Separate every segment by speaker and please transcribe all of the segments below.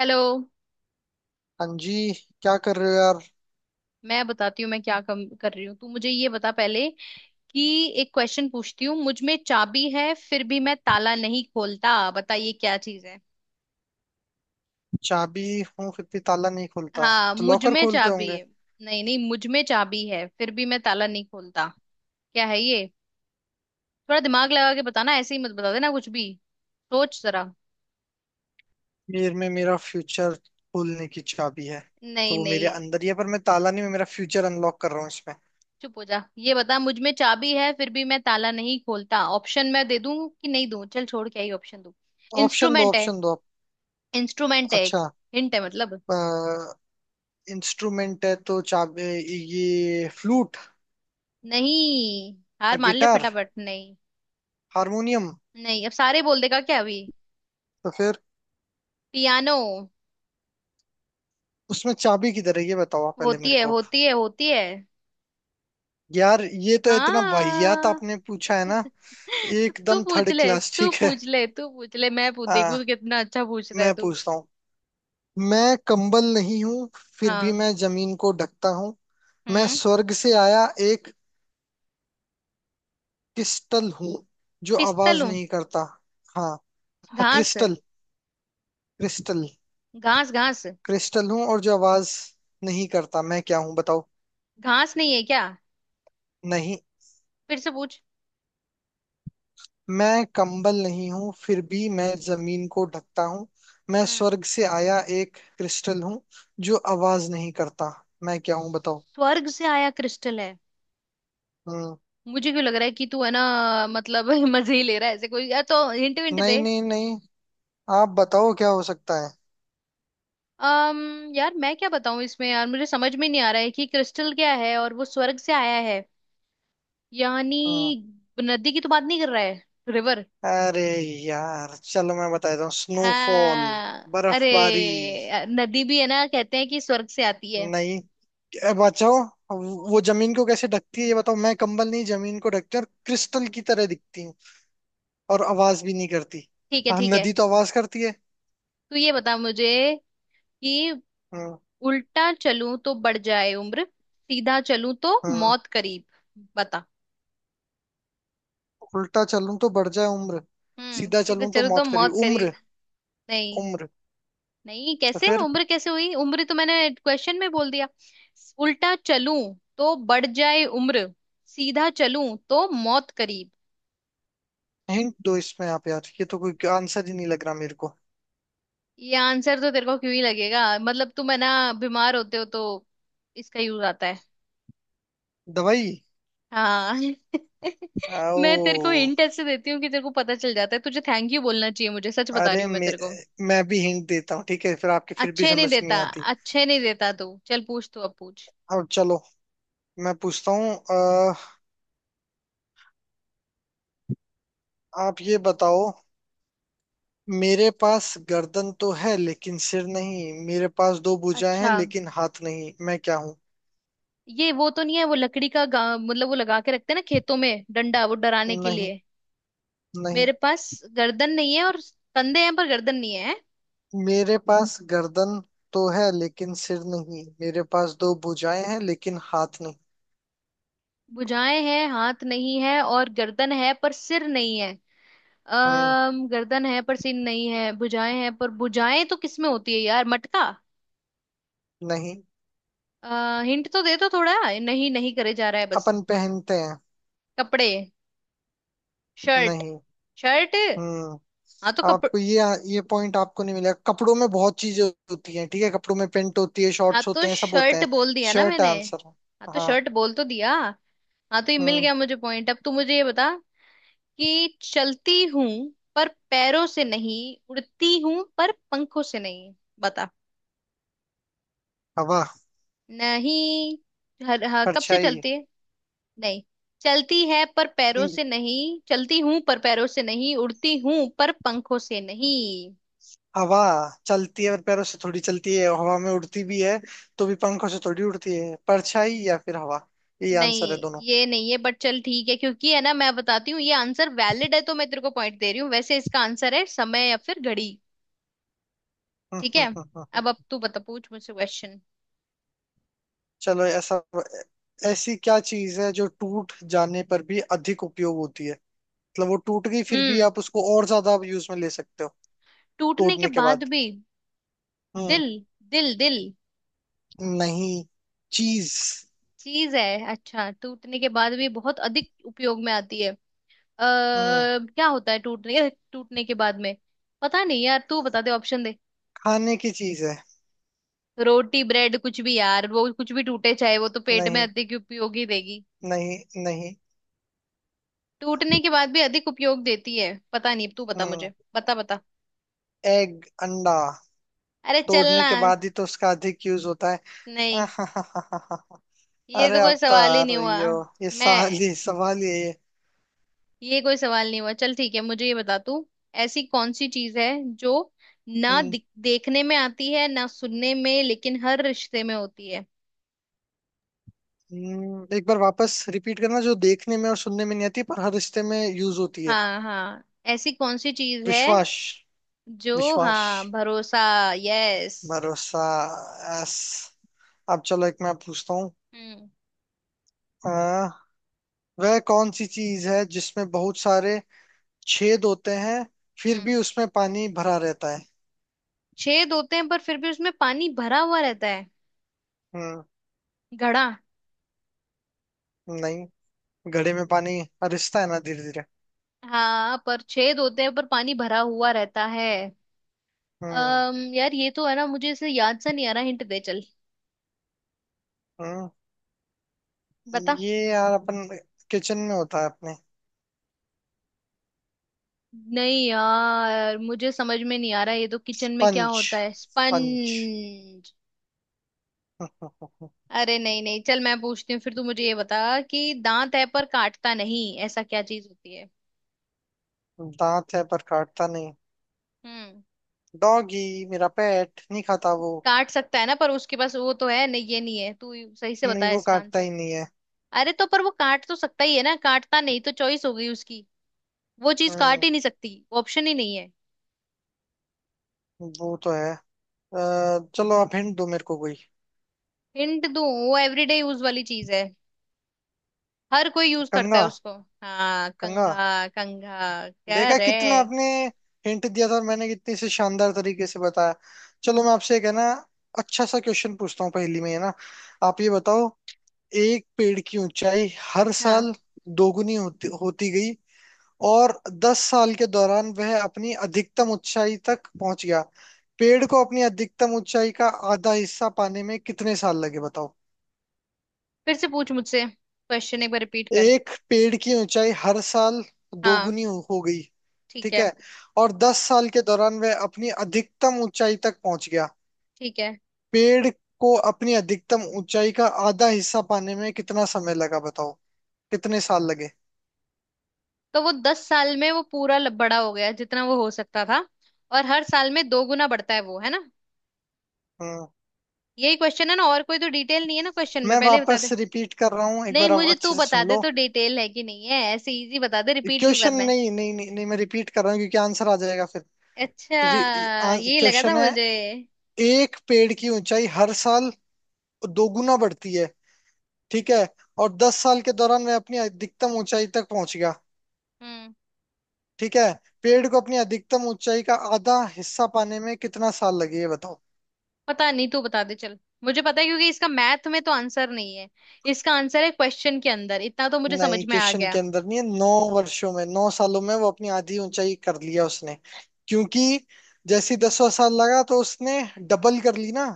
Speaker 1: Hello.
Speaker 2: हाँ जी। क्या कर रहे हो यार?
Speaker 1: मैं बताती हूँ मैं क्या कम कर रही हूँ, तू मुझे ये बता पहले कि एक क्वेश्चन पूछती हूँ। मुझ में चाबी है फिर भी मैं ताला नहीं खोलता, बताइए क्या चीज है।
Speaker 2: चाबी हूँ फिर भी ताला नहीं खुलता है
Speaker 1: हाँ,
Speaker 2: तो
Speaker 1: मुझ
Speaker 2: लॉकर
Speaker 1: में
Speaker 2: खोलते
Speaker 1: चाबी
Speaker 2: होंगे।
Speaker 1: है। नहीं नहीं, मुझ में चाबी है फिर भी मैं ताला नहीं खोलता। क्या है ये? थोड़ा दिमाग लगा के बताना, ऐसे ही मत बता देना कुछ भी। सोच जरा।
Speaker 2: मेरे में मेरा फ्यूचर खोलने की चाबी है, तो
Speaker 1: नहीं
Speaker 2: वो मेरे
Speaker 1: नहीं।
Speaker 2: अंदर ही है, पर मैं ताला नहीं, मैं मेरा फ्यूचर अनलॉक कर रहा हूँ इसमें।
Speaker 1: चुप हो जा, ये बता मुझ में चाबी है फिर भी मैं ताला नहीं खोलता। ऑप्शन मैं दे दूँ कि नहीं दूँ? चल छोड़, क्या ही ऑप्शन दूँ।
Speaker 2: ऑप्शन दो,
Speaker 1: इंस्ट्रूमेंट है।
Speaker 2: ऑप्शन दो।
Speaker 1: इंस्ट्रूमेंट है एक।
Speaker 2: अच्छा,
Speaker 1: हिंट है मतलब।
Speaker 2: इंस्ट्रूमेंट है तो चाबी, ये फ्लूट।
Speaker 1: नहीं। हार मान ले
Speaker 2: गिटार।
Speaker 1: फटाफट। नहीं।
Speaker 2: हारमोनियम।
Speaker 1: नहीं अब सारे बोल देगा क्या अभी।
Speaker 2: तो फिर
Speaker 1: पियानो।
Speaker 2: उसमें चाबी किधर है ये बताओ आप पहले
Speaker 1: होती
Speaker 2: मेरे
Speaker 1: है
Speaker 2: को अब।
Speaker 1: होती है होती है।
Speaker 2: यार ये तो इतना वाहियात
Speaker 1: हाँ
Speaker 2: आपने पूछा है ना।
Speaker 1: तो। तू
Speaker 2: एकदम
Speaker 1: पूछ
Speaker 2: थर्ड
Speaker 1: ले
Speaker 2: क्लास।
Speaker 1: तू
Speaker 2: ठीक है।
Speaker 1: पूछ ले तू पूछ ले, मैं पूछ देखू
Speaker 2: आ,
Speaker 1: कितना अच्छा पूछ रहा है
Speaker 2: मैं
Speaker 1: तू।
Speaker 2: पूछता हूँ। मैं कंबल नहीं हूँ, फिर भी
Speaker 1: हाँ।
Speaker 2: मैं जमीन को ढकता हूँ। मैं
Speaker 1: हम्म।
Speaker 2: स्वर्ग से आया एक क्रिस्टल हूँ जो
Speaker 1: पिस्तल
Speaker 2: आवाज
Speaker 1: हूँ।
Speaker 2: नहीं करता। हाँ। हाँ
Speaker 1: घास।
Speaker 2: क्रिस्टल। क्रिस्टल।
Speaker 1: घास घास।
Speaker 2: क्रिस्टल हूँ और जो आवाज नहीं करता, मैं क्या हूँ बताओ?
Speaker 1: घास नहीं है क्या?
Speaker 2: नहीं।
Speaker 1: फिर से पूछ।
Speaker 2: मैं कंबल नहीं हूँ फिर भी मैं जमीन को ढकता हूँ। मैं
Speaker 1: हम्म।
Speaker 2: स्वर्ग से आया एक क्रिस्टल हूँ जो आवाज नहीं करता। मैं क्या हूँ बताओ?
Speaker 1: स्वर्ग से आया क्रिस्टल है।
Speaker 2: हम्म।
Speaker 1: मुझे क्यों लग रहा है कि तू है ना, मतलब मजे ही ले रहा है, ऐसे कोई या तो हिंट विंट
Speaker 2: नहीं
Speaker 1: दे।
Speaker 2: नहीं नहीं, आप बताओ क्या हो सकता है।
Speaker 1: अम यार मैं क्या बताऊं इसमें, यार मुझे समझ में नहीं आ रहा है कि क्रिस्टल क्या है और वो स्वर्ग से आया है यानी।
Speaker 2: हम्म,
Speaker 1: नदी की तो बात नहीं कर रहा है? रिवर।
Speaker 2: अरे यार चलो मैं बता देता हूँ,
Speaker 1: आ,
Speaker 2: स्नोफॉल,
Speaker 1: अरे
Speaker 2: बर्फबारी।
Speaker 1: नदी भी है ना, कहते हैं कि स्वर्ग से आती है।
Speaker 2: नहीं, बचाओ। वो जमीन को कैसे ढकती है ये बताओ? मैं कंबल नहीं, जमीन को ढकती हूँ और क्रिस्टल की तरह दिखती हूँ और आवाज भी नहीं करती।
Speaker 1: ठीक है
Speaker 2: हाँ
Speaker 1: ठीक है।
Speaker 2: नदी तो आवाज करती है।
Speaker 1: तू ये बता मुझे कि
Speaker 2: हाँ।
Speaker 1: उल्टा चलूं तो बढ़ जाए उम्र, सीधा चलूं तो
Speaker 2: हाँ,
Speaker 1: मौत करीब। बता।
Speaker 2: उल्टा चलूं तो बढ़ जाए उम्र।
Speaker 1: हम्म।
Speaker 2: सीधा
Speaker 1: सीधा
Speaker 2: चलूं तो
Speaker 1: चलूं तो
Speaker 2: मौत करी
Speaker 1: मौत करीब।
Speaker 2: उम्र।
Speaker 1: नहीं।
Speaker 2: उम्र।
Speaker 1: नहीं
Speaker 2: तो
Speaker 1: कैसे
Speaker 2: फिर
Speaker 1: उम्र, कैसे हुई उम्र तो मैंने क्वेश्चन में बोल दिया। उल्टा चलूं तो बढ़ जाए उम्र, सीधा चलूं तो मौत करीब।
Speaker 2: हिंट दो इसमें आप, यार ये तो कोई आंसर ही नहीं लग रहा मेरे को।
Speaker 1: ये आंसर तो तेरे को क्यों ही लगेगा, मतलब तुम है ना बीमार होते हो तो इसका यूज आता है।
Speaker 2: दवाई।
Speaker 1: हाँ।
Speaker 2: आओ।
Speaker 1: मैं तेरे को हिंट ऐसे देती हूँ कि तेरे को पता चल जाता है, तुझे थैंक यू बोलना चाहिए मुझे, सच बता रही
Speaker 2: अरे
Speaker 1: हूँ मैं
Speaker 2: मे,
Speaker 1: तेरे को।
Speaker 2: मैं भी हिंट देता हूँ ठीक है, फिर आपकी फिर भी
Speaker 1: अच्छे नहीं
Speaker 2: समझ नहीं
Speaker 1: देता।
Speaker 2: आती।
Speaker 1: अच्छे नहीं देता, तू चल पूछ, तू अब पूछ।
Speaker 2: अब चलो मैं पूछता हूँ। आप ये बताओ, मेरे पास गर्दन तो है लेकिन सिर नहीं, मेरे पास दो भुजाएं हैं
Speaker 1: अच्छा।
Speaker 2: लेकिन हाथ नहीं, मैं क्या हूँ?
Speaker 1: ये वो तो नहीं है, वो लकड़ी का मतलब वो लगा के रखते हैं ना खेतों में डंडा वो डराने के
Speaker 2: नहीं।
Speaker 1: लिए।
Speaker 2: नहीं।
Speaker 1: मेरे पास गर्दन नहीं है और कंधे हैं पर गर्दन नहीं है।
Speaker 2: मेरे पास गर्दन तो है लेकिन सिर नहीं, मेरे पास दो भुजाएं हैं लेकिन हाथ नहीं।
Speaker 1: भुजाएं हैं हाथ नहीं है और गर्दन है पर सिर नहीं है।
Speaker 2: हम्म।
Speaker 1: अम गर्दन है पर सिर नहीं है, भुजाएं हैं पर भुजाएं तो किसमें होती है यार? मटका।
Speaker 2: नहीं।
Speaker 1: हिंट तो दे दो थोड़ा। नहीं नहीं करे जा रहा है बस।
Speaker 2: अपन पहनते हैं।
Speaker 1: कपड़े। शर्ट।
Speaker 2: नहीं।
Speaker 1: शर्ट।
Speaker 2: हम्म।
Speaker 1: हाँ तो कपड़।
Speaker 2: आपको ये पॉइंट आपको नहीं मिलेगा। कपड़ों में बहुत चीजें होती हैं ठीक है। कपड़ों में पेंट होती है,
Speaker 1: हाँ
Speaker 2: शॉर्ट्स
Speaker 1: तो
Speaker 2: होते हैं, सब होते
Speaker 1: शर्ट
Speaker 2: हैं।
Speaker 1: बोल दिया ना
Speaker 2: शर्ट
Speaker 1: मैंने।
Speaker 2: आंसर है।
Speaker 1: हाँ तो
Speaker 2: हाँ।
Speaker 1: शर्ट बोल तो दिया। हाँ तो ये मिल
Speaker 2: हम्म।
Speaker 1: गया मुझे पॉइंट, अब तू मुझे ये बता कि चलती हूँ पर पैरों से नहीं, उड़ती हूँ पर पंखों से नहीं। बता।
Speaker 2: हवा।
Speaker 1: नहीं। हाँ, कब से
Speaker 2: परछाई।
Speaker 1: चलती है। नहीं। चलती है पर पैरों
Speaker 2: हम्म,
Speaker 1: से नहीं, चलती हूँ पर पैरों से नहीं उड़ती हूँ पर पंखों से नहीं।
Speaker 2: हवा चलती है और पैरों से थोड़ी चलती है, हवा में उड़ती भी है तो भी पंखों से थोड़ी उड़ती है। परछाई या फिर हवा, ये
Speaker 1: नहीं
Speaker 2: आंसर है दोनों।
Speaker 1: ये नहीं है बट चल ठीक है, क्योंकि है ना मैं बताती हूँ ये आंसर वैलिड है तो मैं तेरे को पॉइंट दे रही हूँ, वैसे इसका आंसर है समय या फिर घड़ी।
Speaker 2: हम्म,
Speaker 1: ठीक है।
Speaker 2: हम्म, हम्म, हम्म,
Speaker 1: अब
Speaker 2: हम्म।
Speaker 1: तू बता, पूछ मुझसे क्वेश्चन।
Speaker 2: चलो ऐसा, ऐसी क्या चीज है जो टूट जाने पर भी अधिक उपयोग होती है? मतलब वो टूट गई फिर भी
Speaker 1: हम्म।
Speaker 2: आप उसको और ज्यादा यूज में ले सकते हो।
Speaker 1: टूटने के
Speaker 2: तोड़ने के
Speaker 1: बाद
Speaker 2: बाद।
Speaker 1: भी।
Speaker 2: हम्म।
Speaker 1: दिल। दिल दिल।
Speaker 2: नहीं। चीज।
Speaker 1: चीज है। अच्छा टूटने के बाद भी बहुत अधिक उपयोग में आती है।
Speaker 2: हम्म।
Speaker 1: क्या होता है टूटने टूटने के बाद में? पता नहीं यार, तू बता दे, ऑप्शन दे।
Speaker 2: खाने की चीज है।
Speaker 1: रोटी ब्रेड कुछ भी यार, वो कुछ भी टूटे चाहे वो तो पेट में
Speaker 2: नहीं।
Speaker 1: अधिक उपयोग ही देगी।
Speaker 2: नहीं। नहीं।
Speaker 1: टूटने के बाद भी अधिक उपयोग देती है, पता नहीं, तू बता
Speaker 2: हम्म।
Speaker 1: मुझे, बता बता।
Speaker 2: एग, अंडा,
Speaker 1: अरे
Speaker 2: तोड़ने
Speaker 1: चलना।
Speaker 2: के बाद ही तो उसका अधिक यूज होता है।
Speaker 1: नहीं ये तो
Speaker 2: अरे
Speaker 1: कोई
Speaker 2: अब तो
Speaker 1: सवाल ही
Speaker 2: आ
Speaker 1: नहीं हुआ।
Speaker 2: रही हो, ये
Speaker 1: मैं,
Speaker 2: सवाल ही, सवाल ही है ये।
Speaker 1: ये कोई सवाल नहीं हुआ, चल ठीक है मुझे ये बता तू ऐसी कौन सी चीज है जो ना
Speaker 2: हम्म।
Speaker 1: देखने में आती है ना सुनने में, लेकिन हर रिश्ते में होती है।
Speaker 2: एक बार वापस रिपीट करना, जो देखने में और सुनने में नहीं आती पर हर रिश्ते में यूज होती है।
Speaker 1: हाँ हाँ, ऐसी कौन सी चीज है
Speaker 2: विश्वास।
Speaker 1: जो?
Speaker 2: विश्वास।
Speaker 1: हाँ, भरोसा। यस।
Speaker 2: भरोसा। एस। अब चलो एक मैं पूछता हूँ।
Speaker 1: हम्म।
Speaker 2: अ, वह कौन सी चीज है जिसमें बहुत सारे छेद होते हैं फिर
Speaker 1: हम्म।
Speaker 2: भी उसमें पानी भरा रहता है?
Speaker 1: छेद होते हैं पर फिर भी उसमें पानी भरा हुआ रहता है।
Speaker 2: हम्म।
Speaker 1: घड़ा।
Speaker 2: नहीं, घड़े में पानी रिसता है ना धीरे धीरे।
Speaker 1: हाँ पर छेद होते हैं पर पानी भरा हुआ रहता है।
Speaker 2: हम्म।
Speaker 1: अम यार ये तो है ना, मुझे इसे याद सा नहीं आ रहा, हिंट दे चल।
Speaker 2: हम्म,
Speaker 1: बता।
Speaker 2: ये यार अपन किचन में होता है अपने।
Speaker 1: नहीं यार मुझे समझ में नहीं आ रहा, ये तो किचन में क्या
Speaker 2: स्पंज,
Speaker 1: होता है
Speaker 2: स्पंज।
Speaker 1: स्पंज। अरे नहीं नहीं, चल मैं पूछती हूँ फिर, तू मुझे ये बता कि दांत है पर काटता नहीं, ऐसा क्या चीज होती है।
Speaker 2: दांत है पर काटता नहीं।
Speaker 1: हम्म।
Speaker 2: डॉगी मेरा पेट नहीं खाता वो।
Speaker 1: काट सकता है ना पर उसके पास वो तो है नहीं, ये नहीं है, तू ही सही से
Speaker 2: नहीं,
Speaker 1: बता
Speaker 2: वो
Speaker 1: इसका
Speaker 2: काटता
Speaker 1: आंसर।
Speaker 2: ही नहीं है।
Speaker 1: अरे तो पर वो काट तो सकता ही है ना, काटता नहीं तो चॉइस हो गई उसकी। वो चीज काट
Speaker 2: हम्म।
Speaker 1: ही नहीं सकती, ऑप्शन ही नहीं है।
Speaker 2: वो तो है, अ, चलो आप हिंट दो मेरे को कोई।
Speaker 1: हिंट दूं, वो एवरीडे यूज वाली चीज है, हर कोई यूज करता
Speaker 2: कंगा,
Speaker 1: है उसको। हाँ,
Speaker 2: कंगा।
Speaker 1: कंघा। कंघा क्या
Speaker 2: देखा
Speaker 1: रे?
Speaker 2: कितना आपने हिंट दिया था और मैंने कितनी से शानदार तरीके से बताया। चलो मैं आपसे एक है ना अच्छा सा क्वेश्चन पूछता हूँ, पहेली में है ना। आप ये बताओ, एक पेड़ की ऊंचाई हर
Speaker 1: हाँ।
Speaker 2: साल दोगुनी होती होती गई और 10 साल के दौरान वह अपनी अधिकतम ऊंचाई तक पहुंच गया। पेड़ को अपनी अधिकतम ऊंचाई का आधा हिस्सा पाने में कितने साल लगे बताओ?
Speaker 1: फिर से पूछ मुझसे क्वेश्चन, एक बार रिपीट कर।
Speaker 2: एक पेड़ की ऊंचाई हर साल
Speaker 1: हाँ।
Speaker 2: दोगुनी हो गई।
Speaker 1: ठीक
Speaker 2: ठीक
Speaker 1: है।
Speaker 2: है। और 10 साल के दौरान वह अपनी अधिकतम ऊंचाई तक पहुंच गया।
Speaker 1: ठीक है,
Speaker 2: पेड़ को अपनी अधिकतम ऊंचाई का आधा हिस्सा पाने में कितना समय लगा बताओ, कितने साल लगे?
Speaker 1: तो वो दस साल में वो पूरा बड़ा हो गया जितना वो हो सकता था। और हर साल में दो गुना बढ़ता है वो है ना?
Speaker 2: हम्म।
Speaker 1: यही क्वेश्चन है ना, और कोई तो डिटेल नहीं है ना क्वेश्चन में
Speaker 2: मैं
Speaker 1: पहले ही बता
Speaker 2: वापस
Speaker 1: दे।
Speaker 2: रिपीट कर रहा हूँ एक
Speaker 1: नहीं
Speaker 2: बार, आप
Speaker 1: मुझे तू
Speaker 2: अच्छे से
Speaker 1: बता
Speaker 2: सुन
Speaker 1: दे
Speaker 2: लो।
Speaker 1: तो डिटेल है कि नहीं है, ऐसे इजी बता दे, रिपीट क्यों
Speaker 2: क्वेश्चन,
Speaker 1: करना है।
Speaker 2: नहीं नहीं नहीं, नहीं मैं रिपीट कर रहा हूँ क्योंकि आंसर आ जाएगा फिर।
Speaker 1: अच्छा, यही लगा था
Speaker 2: क्वेश्चन है,
Speaker 1: मुझे।
Speaker 2: एक पेड़ की ऊंचाई हर साल दोगुना बढ़ती है ठीक है, और 10 साल के दौरान मैं अपनी अधिकतम ऊंचाई तक पहुंच गया।
Speaker 1: हम्म।
Speaker 2: ठीक है। पेड़ को अपनी अधिकतम ऊंचाई का आधा हिस्सा पाने में कितना साल लगे ये बताओ?
Speaker 1: पता नहीं, तू बता दे चल। मुझे पता है क्योंकि इसका मैथ में तो आंसर नहीं है, इसका आंसर है क्वेश्चन के अंदर, इतना तो मुझे
Speaker 2: नहीं
Speaker 1: समझ में आ
Speaker 2: क्वेश्चन के
Speaker 1: गया।
Speaker 2: अंदर नहीं है। 9 वर्षों में, 9 सालों में वो अपनी आधी ऊंचाई कर लिया उसने, क्योंकि जैसी 10वां साल लगा तो उसने डबल कर ली ना,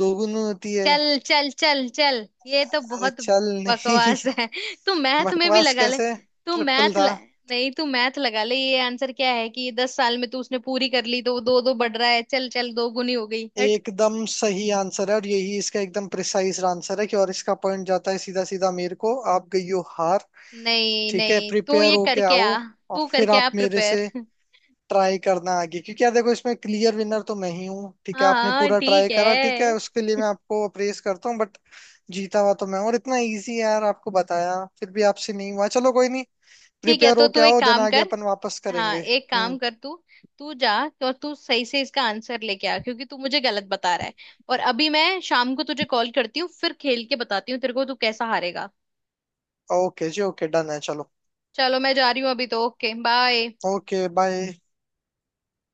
Speaker 2: दोगुनी होती है।
Speaker 1: चल चल चल चल ये तो
Speaker 2: अरे
Speaker 1: बहुत
Speaker 2: चल नहीं।
Speaker 1: बकवास है। तू मैथ में भी
Speaker 2: बकवास
Speaker 1: लगा ले।
Speaker 2: कैसे?
Speaker 1: तू
Speaker 2: ट्रिपल
Speaker 1: मैथ
Speaker 2: था।
Speaker 1: ल... नहीं तू मैथ लगा ले, ये आंसर क्या है कि दस साल में तू उसने पूरी कर ली तो वो दो दो बढ़ रहा है, चल चल दो गुनी हो गई हट।
Speaker 2: एकदम सही आंसर है और यही इसका एकदम प्रिसाइज आंसर है कि, और इसका पॉइंट जाता है सीधा सीधा मेरे को, आप गई हो हार।
Speaker 1: नहीं
Speaker 2: ठीक है,
Speaker 1: नहीं तू
Speaker 2: प्रिपेयर
Speaker 1: ये
Speaker 2: होके
Speaker 1: करके
Speaker 2: आओ
Speaker 1: आ।
Speaker 2: और
Speaker 1: तू
Speaker 2: फिर
Speaker 1: करके आ
Speaker 2: आप मेरे
Speaker 1: प्रिपेयर
Speaker 2: से ट्राई करना आगे, क्योंकि यार देखो इसमें क्लियर विनर तो मैं ही हूँ। ठीक है
Speaker 1: हाँ
Speaker 2: आपने
Speaker 1: हाँ
Speaker 2: पूरा ट्राई
Speaker 1: ठीक
Speaker 2: करा, ठीक है
Speaker 1: है।
Speaker 2: उसके लिए मैं आपको अप्रेस करता हूँ, बट जीता हुआ तो मैं हूं। और इतना इजी है यार, आपको बताया फिर भी आपसे नहीं हुआ। चलो कोई नहीं,
Speaker 1: ठीक है,
Speaker 2: प्रिपेयर
Speaker 1: तो
Speaker 2: होके
Speaker 1: तू एक
Speaker 2: आओ देन
Speaker 1: काम
Speaker 2: आगे
Speaker 1: कर।
Speaker 2: अपन वापस
Speaker 1: हाँ
Speaker 2: करेंगे।
Speaker 1: एक काम
Speaker 2: हम्म।
Speaker 1: कर तू, तू जा, तो तू सही से इसका आंसर लेके आ, क्योंकि तू मुझे गलत बता रहा है, और अभी मैं शाम को तुझे कॉल करती हूँ फिर खेल के बताती हूँ तेरे को तू कैसा हारेगा।
Speaker 2: ओके जी, ओके, डन है। चलो
Speaker 1: चलो मैं जा रही हूँ अभी तो, ओके बाय।
Speaker 2: Okay bye.